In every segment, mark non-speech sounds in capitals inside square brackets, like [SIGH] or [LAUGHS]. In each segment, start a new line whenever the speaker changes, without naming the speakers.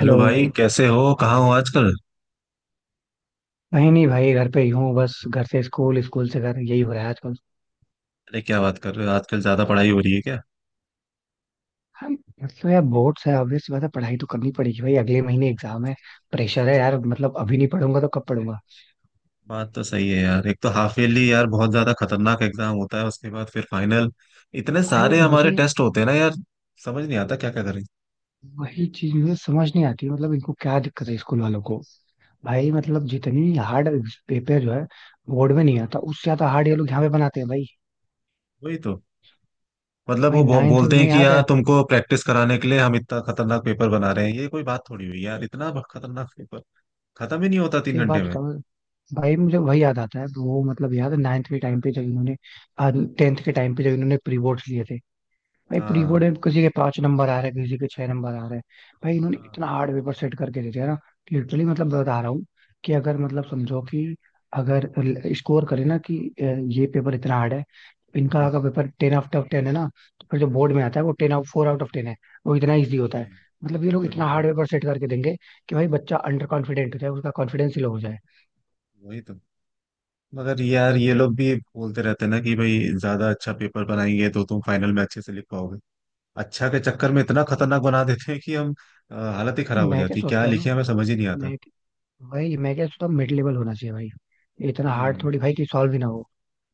Hello भाई, कैसे हो? कहाँ हो आजकल?
नहीं नहीं भाई, घर पे ही हूँ। बस घर से स्कूल, स्कूल से घर, यही हो रहा है आजकल।
अरे, क्या बात कर रहे हो? आजकल ज्यादा पढ़ाई हो रही है क्या?
हाँ, मतलब यार बोर्ड्स है, ऑब्वियस बात है, पढ़ाई तो करनी पड़ेगी भाई, अगले महीने एग्जाम है। प्रेशर है यार, मतलब अभी नहीं पढ़ूंगा तो कब पढ़ूंगा।
बात तो सही है यार। एक तो हाफ ईयरली यार बहुत ज्यादा खतरनाक एग्जाम होता है, उसके बाद फिर फाइनल। इतने
भाई
सारे हमारे
मुझे
टेस्ट होते हैं ना यार। समझ नहीं आता क्या क्या करें।
वही चीज मुझे समझ नहीं आती, मतलब इनको क्या दिक्कत है स्कूल वालों को। भाई मतलब जितनी हार्ड पेपर जो है बोर्ड में नहीं आता, उससे ज्यादा हार्ड ये लोग यहाँ पे बनाते हैं भाई।
वही तो। मतलब
भाई नाइन्थ
बोलते हैं
में
कि
याद
यार
है,
तुमको प्रैक्टिस कराने के लिए हम इतना खतरनाक पेपर बना रहे हैं। ये कोई बात थोड़ी हुई यार? इतना खतरनाक पेपर खत्म ही नहीं होता तीन
एक बात
घंटे में।
बताओ। भाई मुझे वही याद आता है वो, मतलब याद है नाइन्थ के टाइम पे जब इन्होंने टेंथ के टाइम पे जब इन्होंने प्री बोर्ड्स लिए थे। भाई प्री बोर्ड
हाँ,
में किसी के 5 नंबर आ रहे हैं, किसी के 6 नंबर आ रहे हैं। भाई इन्होंने
हाँ,
इतना हार्ड पेपर सेट करके दे दिया ना। लिटरली मतलब बता रहा हूँ कि अगर मतलब समझो कि अगर स्कोर करे ना कि ये पेपर इतना हार्ड है। इनका अगर
हाँ,
paper ten out of ten है ना, तो फिर जो बोर्ड में आता है वो ten out four out of ten है, वो इतना ईजी होता है।
वही,
मतलब ये लोग
वही,
इतना
वही,
हार्ड पेपर सेट करके देंगे कि भाई बच्चा अंडर कॉन्फिडेंट हो जाए, उसका कॉन्फिडेंस ही लो हो जाए।
वही तो। मगर यार ये लोग भी बोलते रहते हैं ना कि भाई ज्यादा अच्छा पेपर बनाएंगे तो तुम फाइनल में अच्छे से लिख पाओगे। अच्छा के चक्कर में इतना खतरनाक बना देते हैं कि हम हालत ही खराब
नहीं,
हो
मैं क्या
जाती है। क्या
सोचता हूँ ना,
लिखे हमें समझ ही नहीं आता।
मैं भाई मैं क्या सोचता हूँ, मिड लेवल होना चाहिए भाई। ये इतना हार्ड
हम्म।
थोड़ी भाई कि सॉल्व ही ना हो।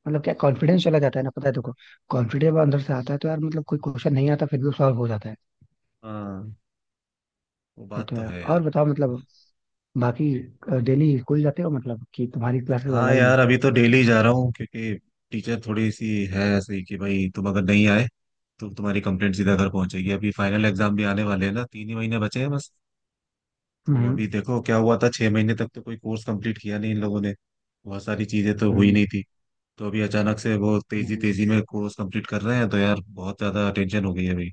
मतलब क्या, कॉन्फिडेंस चला जाता है ना। पता है देखो, कॉन्फिडेंस अंदर से आता है, तो यार मतलब कोई क्वेश्चन नहीं आता फिर भी सॉल्व हो जाता है।
हाँ, वो
ये
बात
तो
तो
है।
है
और
यार।
बताओ मतलब, बाकी डेली स्कूल जाते हो, मतलब कि तुम्हारी क्लासेस
हाँ
ऑनलाइन है।
यार, अभी तो डेली जा रहा हूँ, क्योंकि टीचर थोड़ी सी है ऐसे ही कि भाई तुम अगर नहीं आए तो तुम्हारी कंप्लेंट सीधा घर पहुंचेगी। अभी फाइनल एग्जाम भी आने वाले हैं ना, 3 ही महीने बचे हैं बस। तो
हम्म
अभी देखो क्या हुआ था, 6 महीने तक तो कोई कोर्स कंप्लीट किया नहीं इन लोगों ने। बहुत सारी चीजें तो हुई
हम्म
नहीं थी। तो अभी अचानक से वो तेजी
हम्म।
तेजी में कोर्स कंप्लीट कर रहे हैं, तो यार बहुत ज्यादा टेंशन हो गई है भाई।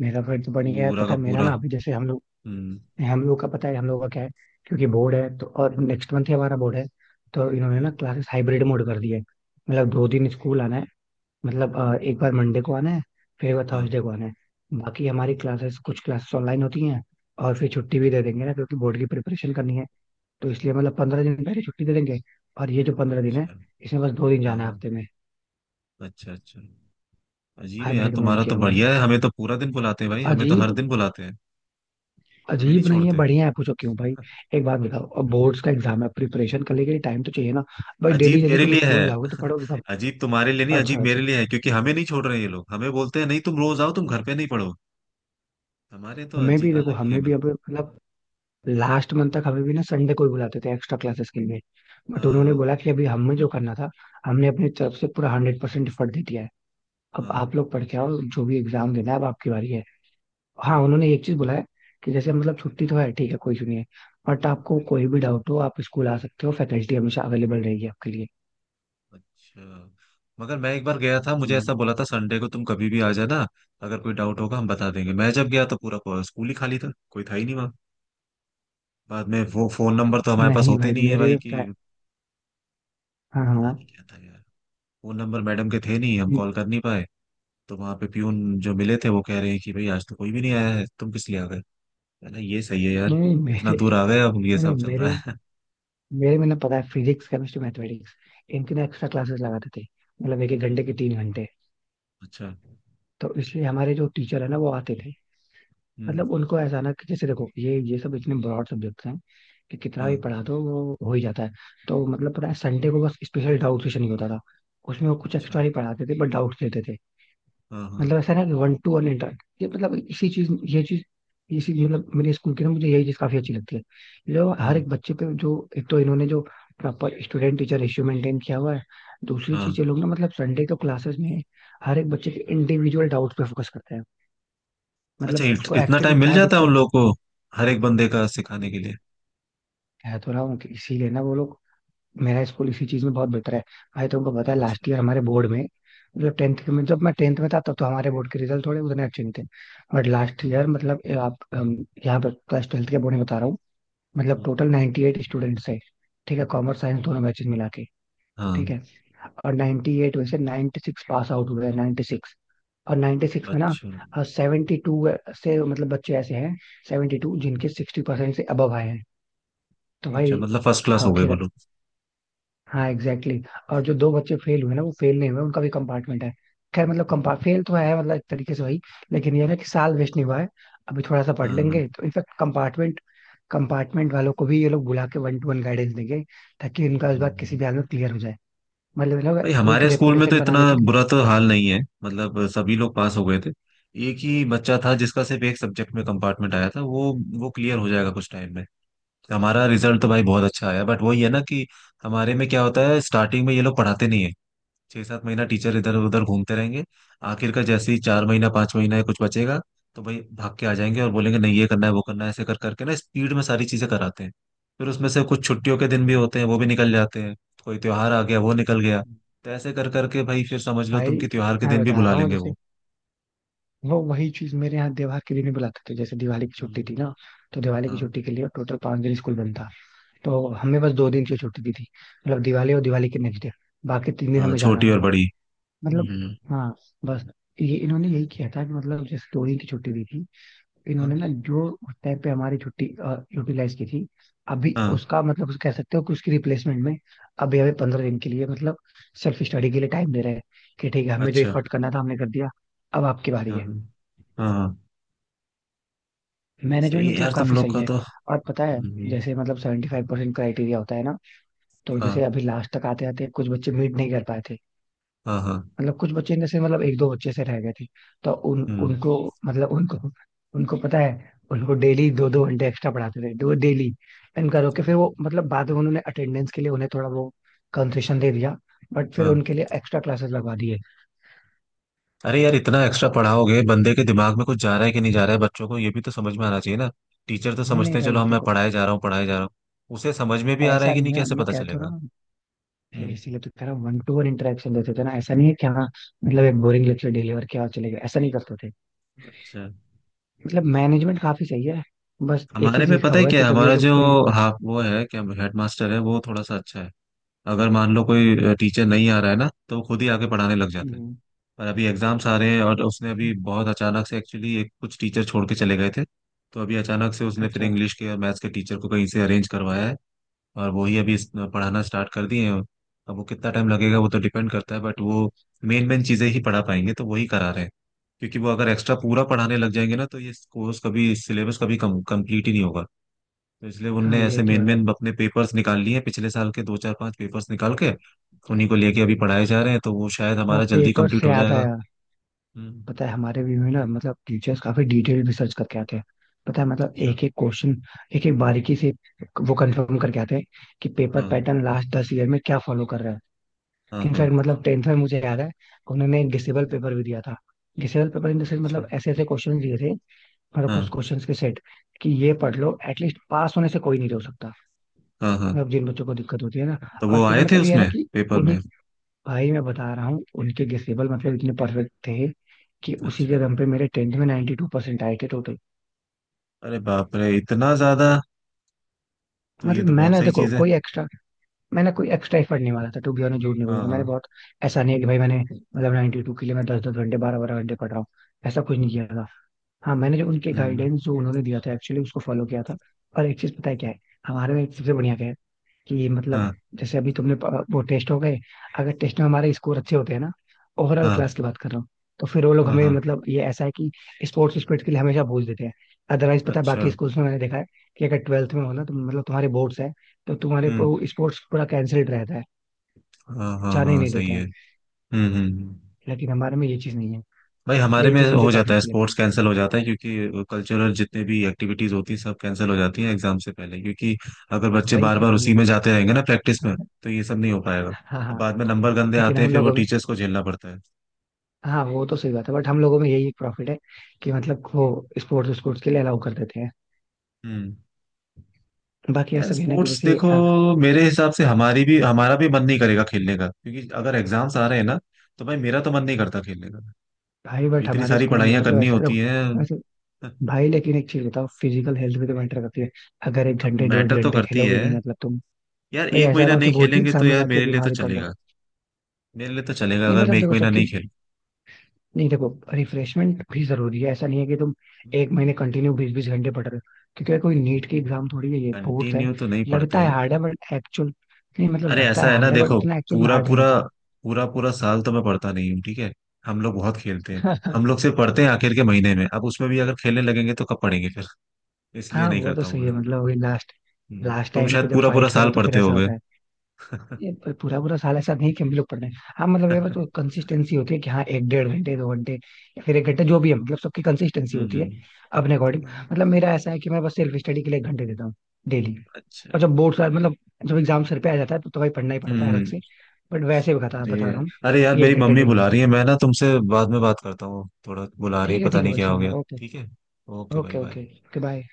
मेरा फ्रेंड तो बढ़िया है,
पूरा का
पता है मेरा
पूरा।
ना। अभी जैसे
हम्म,
हम लोग का, पता है हम लोग का क्या है, क्योंकि बोर्ड है तो। और नेक्स्ट मंथ ही हमारा बोर्ड है, तो इन्होंने ना
हम्म,
क्लासेस हाइब्रिड मोड कर दिया है। मतलब दो दिन स्कूल आना है। मतलब
हम्म,
एक बार मंडे को आना है, फिर एक बार
हाँ।
थर्सडे को आना है। बाकी हमारी क्लासेस कुछ क्लासेस ऑनलाइन होती हैं। और फिर छुट्टी
अच्छा,
भी दे देंगे ना, क्योंकि बोर्ड की प्रिपरेशन करनी है। तो इसलिए मतलब 15 दिन पहले छुट्टी दे देंगे। और ये जो 15 दिन है,
अच्छा।
इसमें बस दो दिन
हाँ,
जाना है
हाँ।
हफ्ते में।
अच्छा, अच्छा। अजीब है यार,
हाइब्रिड मोड
तुम्हारा तो
किया हुआ है।
बढ़िया है। हमें तो पूरा दिन बुलाते हैं भाई, हमें तो
अजीब,
हर दिन बुलाते हैं। हमें नहीं
अजीब नहीं है,
छोड़ते। [LAUGHS]
बढ़िया है। पूछो क्यों भाई। एक बात बताओ, अब बोर्ड्स का एग्जाम है, प्रिपरेशन करने के
हम्म।
लिए टाइम तो चाहिए ना। भाई डेली
अजीब
डेली
मेरे
तुम
लिए है,
स्कूल जाओगे तो पढ़ोगे कब।
अजीब तुम्हारे लिए नहीं, अजीब
अच्छा
मेरे
अच्छा।
लिए है, क्योंकि हमें नहीं छोड़ रहे हैं ये लोग। हमें बोलते हैं नहीं, तुम रोज आओ, तुम घर पे नहीं पढ़ो। हमारे तो
हमें
जी
भी देखो,
अलग ही है
हमें भी
मतलब।
अब मतलब लास्ट मंथ तक हमें भी ना संडे को ही बुलाते थे एक्स्ट्रा क्लासेस के लिए। बट उन्होंने
हाँ,
बोला कि अभी हमें जो करना था, हमने अपनी तरफ से पूरा 100% एफर्ट दे दिया है। अब
हाँ,
आप लोग पढ़ के आओ, जो भी एग्जाम देना है, अब आपकी बारी है। हाँ,
वही
उन्होंने एक चीज बोला है कि जैसे मतलब छुट्टी तो है, ठीक है, कोई इशू नहीं है। बट
तो।
आपको कोई भी डाउट हो, आप स्कूल आ सकते हो, फैकल्टी हमेशा अवेलेबल रहेगी आपके लिए।
अच्छा। मगर मैं एक बार गया था, मुझे
हम्म।
ऐसा बोला था संडे को तुम कभी भी आ जाना। अगर कोई डाउट होगा हम बता देंगे। मैं जब गया तो पूरा पूरा स्कूल ही खाली था, कोई था ही नहीं वहाँ। बाद में, वो फोन नंबर तो हमारे पास
नहीं
होते
भाई,
नहीं है
मेरे
भाई
में पता है।
कि।
हाँ
पता
हाँ हाँ।
नहीं क्या था यार। फोन नंबर मैडम के थे नहीं, हम
नहीं
कॉल कर नहीं पाए। तो वहाँ पे प्यून जो मिले थे वो कह रहे हैं कि भाई आज तो कोई भी नहीं आया है, तुम किस लिए आ गए? मैंने कहा, ये सही है यार,
नहीं
इतना
मेरे
दूर आ गए अब ये
नहीं नहीं,
सब चल
मेरे
रहा
में
है। [LAUGHS]
मेरे में ना, पता है फिजिक्स केमिस्ट्री मैथमेटिक्स, इनकी ना एक्स्ट्रा क्लासेस लगाते थे, मतलब एक एक घंटे
हम्म,
के 3 घंटे।
अच्छा।
तो इसलिए हमारे जो टीचर है ना वो आते थे।
हम्म,
मतलब उनको ऐसा ना कि जैसे देखो ये सब इतने ब्रॉड सब्जेक्ट्स हैं कि कितना भी
हाँ।
पढ़ा दो वो हो ही जाता है। तो मतलब पता है संडे को बस स्पेशल डाउट सेशन ही होता था। उसमें वो कुछ एक्स्ट्रा
अच्छा।
नहीं पढ़ाते थे, बट डाउट लेते थे।
हाँ, हाँ।
मतलब ऐसा ना कि वन टू वन इंटर ये मतलब इसी चीज, ये चीज, इसी मतलब मेरे स्कूल की ना, मुझे यही चीज काफी अच्छी लगती है, जो हर
हम्म,
एक बच्चे पे जो एक तो इन्होंने जो proper student teacher ratio maintain किया हुआ है। दूसरी
हाँ।
चीज, ये लोग ना मतलब संडे को क्लासेस में हर एक बच्चे के इंडिविजुअल डाउट पे फोकस करते हैं,
अच्छा,
मतलब उसको
इतना
एक्चुअली
टाइम मिल
क्या
जाता है उन
दिक्कत।
लोगों को हर एक बंदे का सिखाने के लिए?
कह तो रहा हूँ कि इसीलिए ना वो लोग, मेरा स्कूल इसी चीज में बहुत बेहतर है। भाई तुमको पता है
अच्छा।
लास्ट ईयर हमारे बोर्ड में, मतलब टेंथ के में जब मैं टेंथ में था तब तो हमारे बोर्ड के रिजल्ट थोड़े उतने अच्छे नहीं थे। बट लास्ट ईयर, मतलब ये आप हम यहाँ पर क्लास ट्वेल्थ के बोर्ड में बता रहा हूँ, मतलब
हम्म,
टोटल 98 स्टूडेंट्स है। ठीक है, कॉमर्स साइंस दोनों बैचेज मिला के।
हाँ।
ठीक है, और 98 में से 96 पास आउट हुए हैं। 96, और 96 में ना
अच्छा,
72 से मतलब बच्चे ऐसे हैं, 72 जिनके 60% से अबव आए हैं। तो
अच्छा।
भाई,
मतलब फर्स्ट क्लास हो
हाँ
गए
खैर,
बोलो।
हाँ एग्जैक्टली exactly. और जो दो बच्चे फेल हुए ना, वो फेल नहीं हुए, उनका भी कंपार्टमेंट है। खैर मतलब कंपा फेल तो है मतलब एक तरीके से भाई, लेकिन ये है ना कि साल वेस्ट नहीं हुआ है। अभी थोड़ा सा पढ़
हाँ, हाँ।
लेंगे तो इनफैक्ट कंपार्टमेंट कंपार्टमेंट वालों को भी ये लोग बुला के वन टू वन गाइडेंस देंगे, ताकि इनका इस बार किसी
हम्म।
भी हाल में क्लियर हो जाए। मतलब ये लोग
भाई
स्कूल की
हमारे स्कूल में तो
रेपुटेशन
इतना
बनाने के लिए ना।
बुरा तो हाल नहीं है, मतलब सभी लोग पास हो गए थे। एक ही बच्चा था जिसका सिर्फ एक सब्जेक्ट में कंपार्टमेंट आया था, वो क्लियर हो जाएगा कुछ टाइम में। हमारा रिजल्ट तो भाई बहुत अच्छा आया, बट वही है ना कि हमारे में क्या होता है, स्टार्टिंग में ये लोग पढ़ाते नहीं है। 6-7 महीना टीचर इधर उधर घूमते रहेंगे। आखिर का जैसे ही 4 महीना 5 महीना या कुछ बचेगा, तो भाई भाग के आ जाएंगे और बोलेंगे नहीं, ये करना है वो करना है, ऐसे कर करके ना स्पीड में सारी चीजें कराते हैं। फिर उसमें से कुछ छुट्टियों के दिन भी होते हैं, वो भी निकल जाते हैं। कोई त्योहार आ गया, वो निकल गया। तो ऐसे कर करके भाई फिर समझ लो
भाई
तुम कि त्योहार के
मैं
दिन भी
बता
बुला
रहा हूँ
लेंगे
जैसे
वो।
वो वही चीज मेरे यहाँ त्योहार के लिए नहीं बुलाते थे। जैसे दिवाली की छुट्टी थी
हम्म,
ना, तो दिवाली की
हाँ।
छुट्टी के लिए टोटल 5 दिन स्कूल बंद था। तो हमें बस दो दिन की छुट्टी दी थी, मतलब दिवाली और दिवाली के नेक्स्ट डे। बाकी तीन दिन
हाँ,
हमें जाना
छोटी
था
और बड़ी।
मतलब।
हम्म।
हाँ बस, ये इन्होंने यही किया था कि मतलब जैसे दो दिन की छुट्टी दी थी, इन्होंने
हाँ,
ना जो उस टाइम पे हमारी छुट्टी यूटिलाइज की थी, अभी
हाँ,
उसका मतलब उस कह सकते हो कि उसकी रिप्लेसमेंट में अभी हमें 15 दिन के लिए मतलब सेल्फ स्टडी के लिए टाइम दे रहे हैं। कि ठीक है, हमें जो
अच्छा।
एफर्ट करना था हमने कर दिया, अब आपकी बारी
हाँ,
है।
हाँ, हाँ, सही
मैनेजमेंट
है
मतलब
यार तुम
काफी
लोग
सही
का
है।
तो।
और पता है
हम्म,
जैसे मतलब 75% क्राइटेरिया होता है ना, तो जैसे
हाँ,
अभी लास्ट तक आते आते कुछ बच्चे मीट नहीं कर पाए थे।
हाँ, हाँ।
मतलब कुछ बच्चे जैसे मतलब एक दो बच्चे से रह गए थे। तो उन
हम्म,
उनको मतलब उनको उनको पता है, उनको डेली दो दो घंटे एक्स्ट्रा पढ़ाते थे, दो डेली। इनका रोके फिर वो, मतलब बाद में उन्होंने अटेंडेंस के लिए उन्हें थोड़ा वो कंसेशन दे दिया, बट फिर
हाँ।
उनके लिए एक्स्ट्रा क्लासेस लगवा दिए।
अरे यार, इतना एक्स्ट्रा पढ़ाओगे, बंदे के दिमाग में कुछ जा रहा है कि नहीं जा रहा है? बच्चों को ये भी तो समझ में आना चाहिए ना। टीचर तो
नहीं
समझते
नहीं
हैं
भाई
चलो हम मैं
देखो,
पढ़ाए जा रहा हूँ, पढ़ाए जा रहा हूँ, उसे समझ में भी आ रहा
ऐसा
है कि नहीं
नहीं है,
कैसे
मैं
पता
कह तो रहा
चलेगा?
हूँ।
हम्म,
इसीलिए तो कह रहा हूँ वन टू वन इंटरेक्शन देते थे ना। ऐसा नहीं है कि हाँ, मतलब एक बोरिंग लेक्चर डिलीवर किया और चले गए, ऐसा नहीं करते थे।
अच्छा।
मतलब मैनेजमेंट काफी सही है। बस एक ही
हमारे में
चीज का
पता है
हुआ है
क्या
कि
है
जब ये
हमारा
लोग
जो।
प्री
हाँ, वो है क्या, हेडमास्टर है, वो थोड़ा सा अच्छा है। अगर मान लो कोई टीचर नहीं आ रहा है ना, तो वो खुद ही आके पढ़ाने लग जाता है।
हम्म,
पर अभी एग्जाम्स आ रहे हैं, और उसने अभी बहुत अचानक से एक्चुअली एक कुछ टीचर छोड़ के चले गए थे। तो अभी अचानक से उसने फिर
अच्छा,
इंग्लिश के और मैथ्स के टीचर को कहीं से अरेंज करवाया है। और वो ही अभी पढ़ाना स्टार्ट कर दिए हैं। अब वो कितना टाइम लगेगा वो तो डिपेंड करता है, बट वो मेन मेन चीजें ही पढ़ा पाएंगे तो वही करा रहे हैं। क्योंकि वो अगर एक्स्ट्रा पूरा पढ़ाने लग जाएंगे ना तो ये कोर्स कभी सिलेबस कभी कम कंप्लीट ही नहीं होगा। तो इसलिए
हाँ
उनने
ये
ऐसे
तो
मेन
है।
मेन अपने पेपर्स निकाल लिए हैं, पिछले साल के 2-4-5 पेपर्स निकाल के। उन्हीं को लेके अभी पढ़ाए जा रहे हैं, तो वो शायद
हाँ
हमारा जल्दी
पेपर
कंप्लीट
से
हो
याद
जाएगा।
आया,
हम्म।
पता है हमारे भी में ना मतलब टीचर्स काफी डिटेल रिसर्च करके आते हैं। पता है मतलब
अच्छा।
एक एक क्वेश्चन, एक एक बारीकी से वो कंफर्म करके आते हैं कि पेपर
हाँ,
पैटर्न लास्ट 10 ईयर में क्या फॉलो कर रहा है।
हाँ, हाँ।
इनफैक्ट मतलब टेंथ में मुझे याद है उन्होंने एक डिसेबल पेपर भी दिया था। Disable paper in the sense
अच्छा।
मतलब ऐसे ऐसे क्वेश्चन दिए थे, मतलब कुछ
हाँ,
क्वेश्चन के सेट कि ये पढ़ लो, एटलीस्ट पास होने से कोई नहीं रोक सकता,
हाँ, हाँ।
मतलब जिन बच्चों को दिक्कत होती है ना।
तो
और
वो
फिर
आए थे
मतलब ये है ना
उसमें
कि
पेपर
उन्हें,
में?
भाई मैं बता रहा हूँ उनके गेसेबल मतलब इतने परफेक्ट थे कि उसी
अच्छा।
के दम पे मेरे टेंथ में 92% टू परसेंट आए थे टोटल।
अरे बाप रे, इतना ज्यादा? तो ये
मतलब
तो बहुत सही चीज है।
मैंने कोई एक्स्ट्रा एफर्ट नहीं मारा था टू बी ऑनेस्ट, झूठ नहीं
हाँ,
बोलूंगा मैंने
हाँ।
बहुत, ऐसा नहीं है कि भाई मैंने मतलब 92 के लिए मैं दस दस घंटे बारह बारह घंटे पढ़ रहा हूँ, ऐसा कुछ नहीं किया था। हाँ, मैंने जो उनके
हम्म,
गाइडेंस जो उन्होंने दिया था एक्चुअली उसको फॉलो किया था। और एक चीज पता है क्या है, हमारे में एक सबसे बढ़िया क्या है कि मतलब
हाँ,
जैसे अभी तुमने वो टेस्ट हो गए, अगर टेस्ट में हमारे स्कोर अच्छे होते हैं ना, ओवरऑल
हाँ,
क्लास की बात कर रहा हूँ, तो फिर वो लोग
हाँ,
हमें,
हाँ।
मतलब ये ऐसा है कि स्पोर्ट्स स्पिरिट के लिए हमेशा भूल देते हैं। अदरवाइज पता है,
अच्छा।
बाकी स्कूल्स में मैंने देखा है कि अगर ट्वेल्थ में हो ना, तो मतलब तुम्हारे बोर्ड्स है, तो तुम्हारे
हम्म,
स्पोर्ट्स पूरा कैंसिल्ड रहता है,
हाँ, हाँ,
जाने ही
हाँ,
नहीं
सही
देते
है।
हैं।
हम्म, हम्म,
लेकिन हमारे में ये चीज नहीं है,
भाई हमारे
यही
में
चीज मुझे
हो
काफी
जाता है
अच्छी लगती
स्पोर्ट्स
है।
कैंसिल हो जाता है, क्योंकि कल्चरल जितने भी एक्टिविटीज होती हैं सब कैंसिल हो जाती हैं एग्जाम से पहले, क्योंकि अगर बच्चे
वही
बार
कह
बार
रहा हूँ
उसी में
लेकिन।
जाते रहेंगे ना प्रैक्टिस में, तो ये सब नहीं हो पाएगा।
हाँ
और
हाँ।
बाद में नंबर गंदे
लेकिन
आते हैं,
हम
फिर वो
लोगों में,
टीचर्स को झेलना पड़ता है।
हाँ वो तो सही बात है, बट हम लोगों में यही एक प्रॉफिट है कि मतलब वो स्पोर्ट्स स्पोर्ट्स के लिए अलाउ कर देते हैं।
हम्म।
बाकी
यार
ऐसा भी है ना कि
स्पोर्ट्स
जैसे
देखो, मेरे हिसाब से हमारी भी हमारा भी मन नहीं करेगा खेलने का, क्योंकि अगर एग्जाम्स आ रहे हैं ना तो भाई मेरा तो मन नहीं करता खेलने का। अब
भाई बट
इतनी
हमारे
सारी
स्कूल में
पढ़ाइयाँ
मतलब
करनी
ऐसा देखो,
होती हैं।
वैसे भाई, लेकिन एक चीज बताओ, फिजिकल हेल्थ भी तो मैटर करती है। अगर एक घंटे डेढ़
मैटर तो
घंटे
करती
खेलोगे
है
नहीं मतलब तुम,
यार,
भाई
एक
ऐसा ना
महीना
हो कि
नहीं
बोर्ड के
खेलेंगे तो
एग्जाम में
यार
जाके
मेरे लिए तो
बीमारी पड़ जाओ।
चलेगा। मेरे लिए तो चलेगा
नहीं
अगर मैं
मतलब
एक
देखो
महीना
सबकी,
नहीं खेलूं।
नहीं देखो, रिफ्रेशमेंट भी जरूरी है। ऐसा नहीं है कि तुम एक महीने कंटिन्यू बीस बीस घंटे पढ़ रहे हो, क्योंकि कोई नीट की एग्जाम थोड़ी है, ये बोर्ड्स है।
कंटिन्यू तो नहीं
लगता
पढ़ते
है
हैं।
हार्ड है बट एक्चुअल, नहीं मतलब
अरे
लगता
ऐसा
है
है ना
हार्ड है बट
देखो,
उतना एक्चुअल में
पूरा
हार्ड नहीं
पूरा
होता।
पूरा पूरा साल तो मैं पढ़ता नहीं हूँ, ठीक है। हम लोग बहुत खेलते हैं, हम लोग
[LAUGHS]
सिर्फ पढ़ते हैं आखिर के महीने में। अब उसमें भी अगर खेलने लगेंगे तो कब पढ़ेंगे फिर? इसलिए
हाँ,
नहीं
वो तो
करता
सही है
हूँ।
मतलब वही लास्ट लास्ट
तुम
टाइम पे
शायद
जब
पूरा पूरा
फाइट
साल
करो तो फिर
पढ़ते
ऐसा
होगे।
होता है। ये पूरा पूरा साल ऐसा नहीं कि हम लोग पढ़ रहे हैं। हाँ मतलब ये बस
[LAUGHS]
कंसिस्टेंसी होती है कि हाँ, एक डेढ़ घंटे, दो घंटे, या फिर एक घंटे, जो भी है, मतलब सबकी कंसिस्टेंसी होती है
हम्म।
अपने अकॉर्डिंग। मतलब मेरा ऐसा है कि मैं बस सेल्फ स्टडी के लिए एक घंटे देता हूँ डेली।
अच्छा।
और जब बोर्ड साल मतलब जब एग्जाम सर पे आ जाता है तो भाई पढ़ना ही पड़ता है अलग
हम्म।
से। बट वैसे बता
अरे,
बता रहा हूँ,
अरे यार
ये एक
मेरी
घंटे
मम्मी
डेली।
बुला रही है, मैं ना तुमसे बाद में बात करता हूँ। थोड़ा बुला रही है, पता
ठीक है
नहीं
भाई,
क्या हो
सुन
गया।
लो। ओके।
ठीक है। ओके
ओके
भाई, बाय।
Okay okay bye.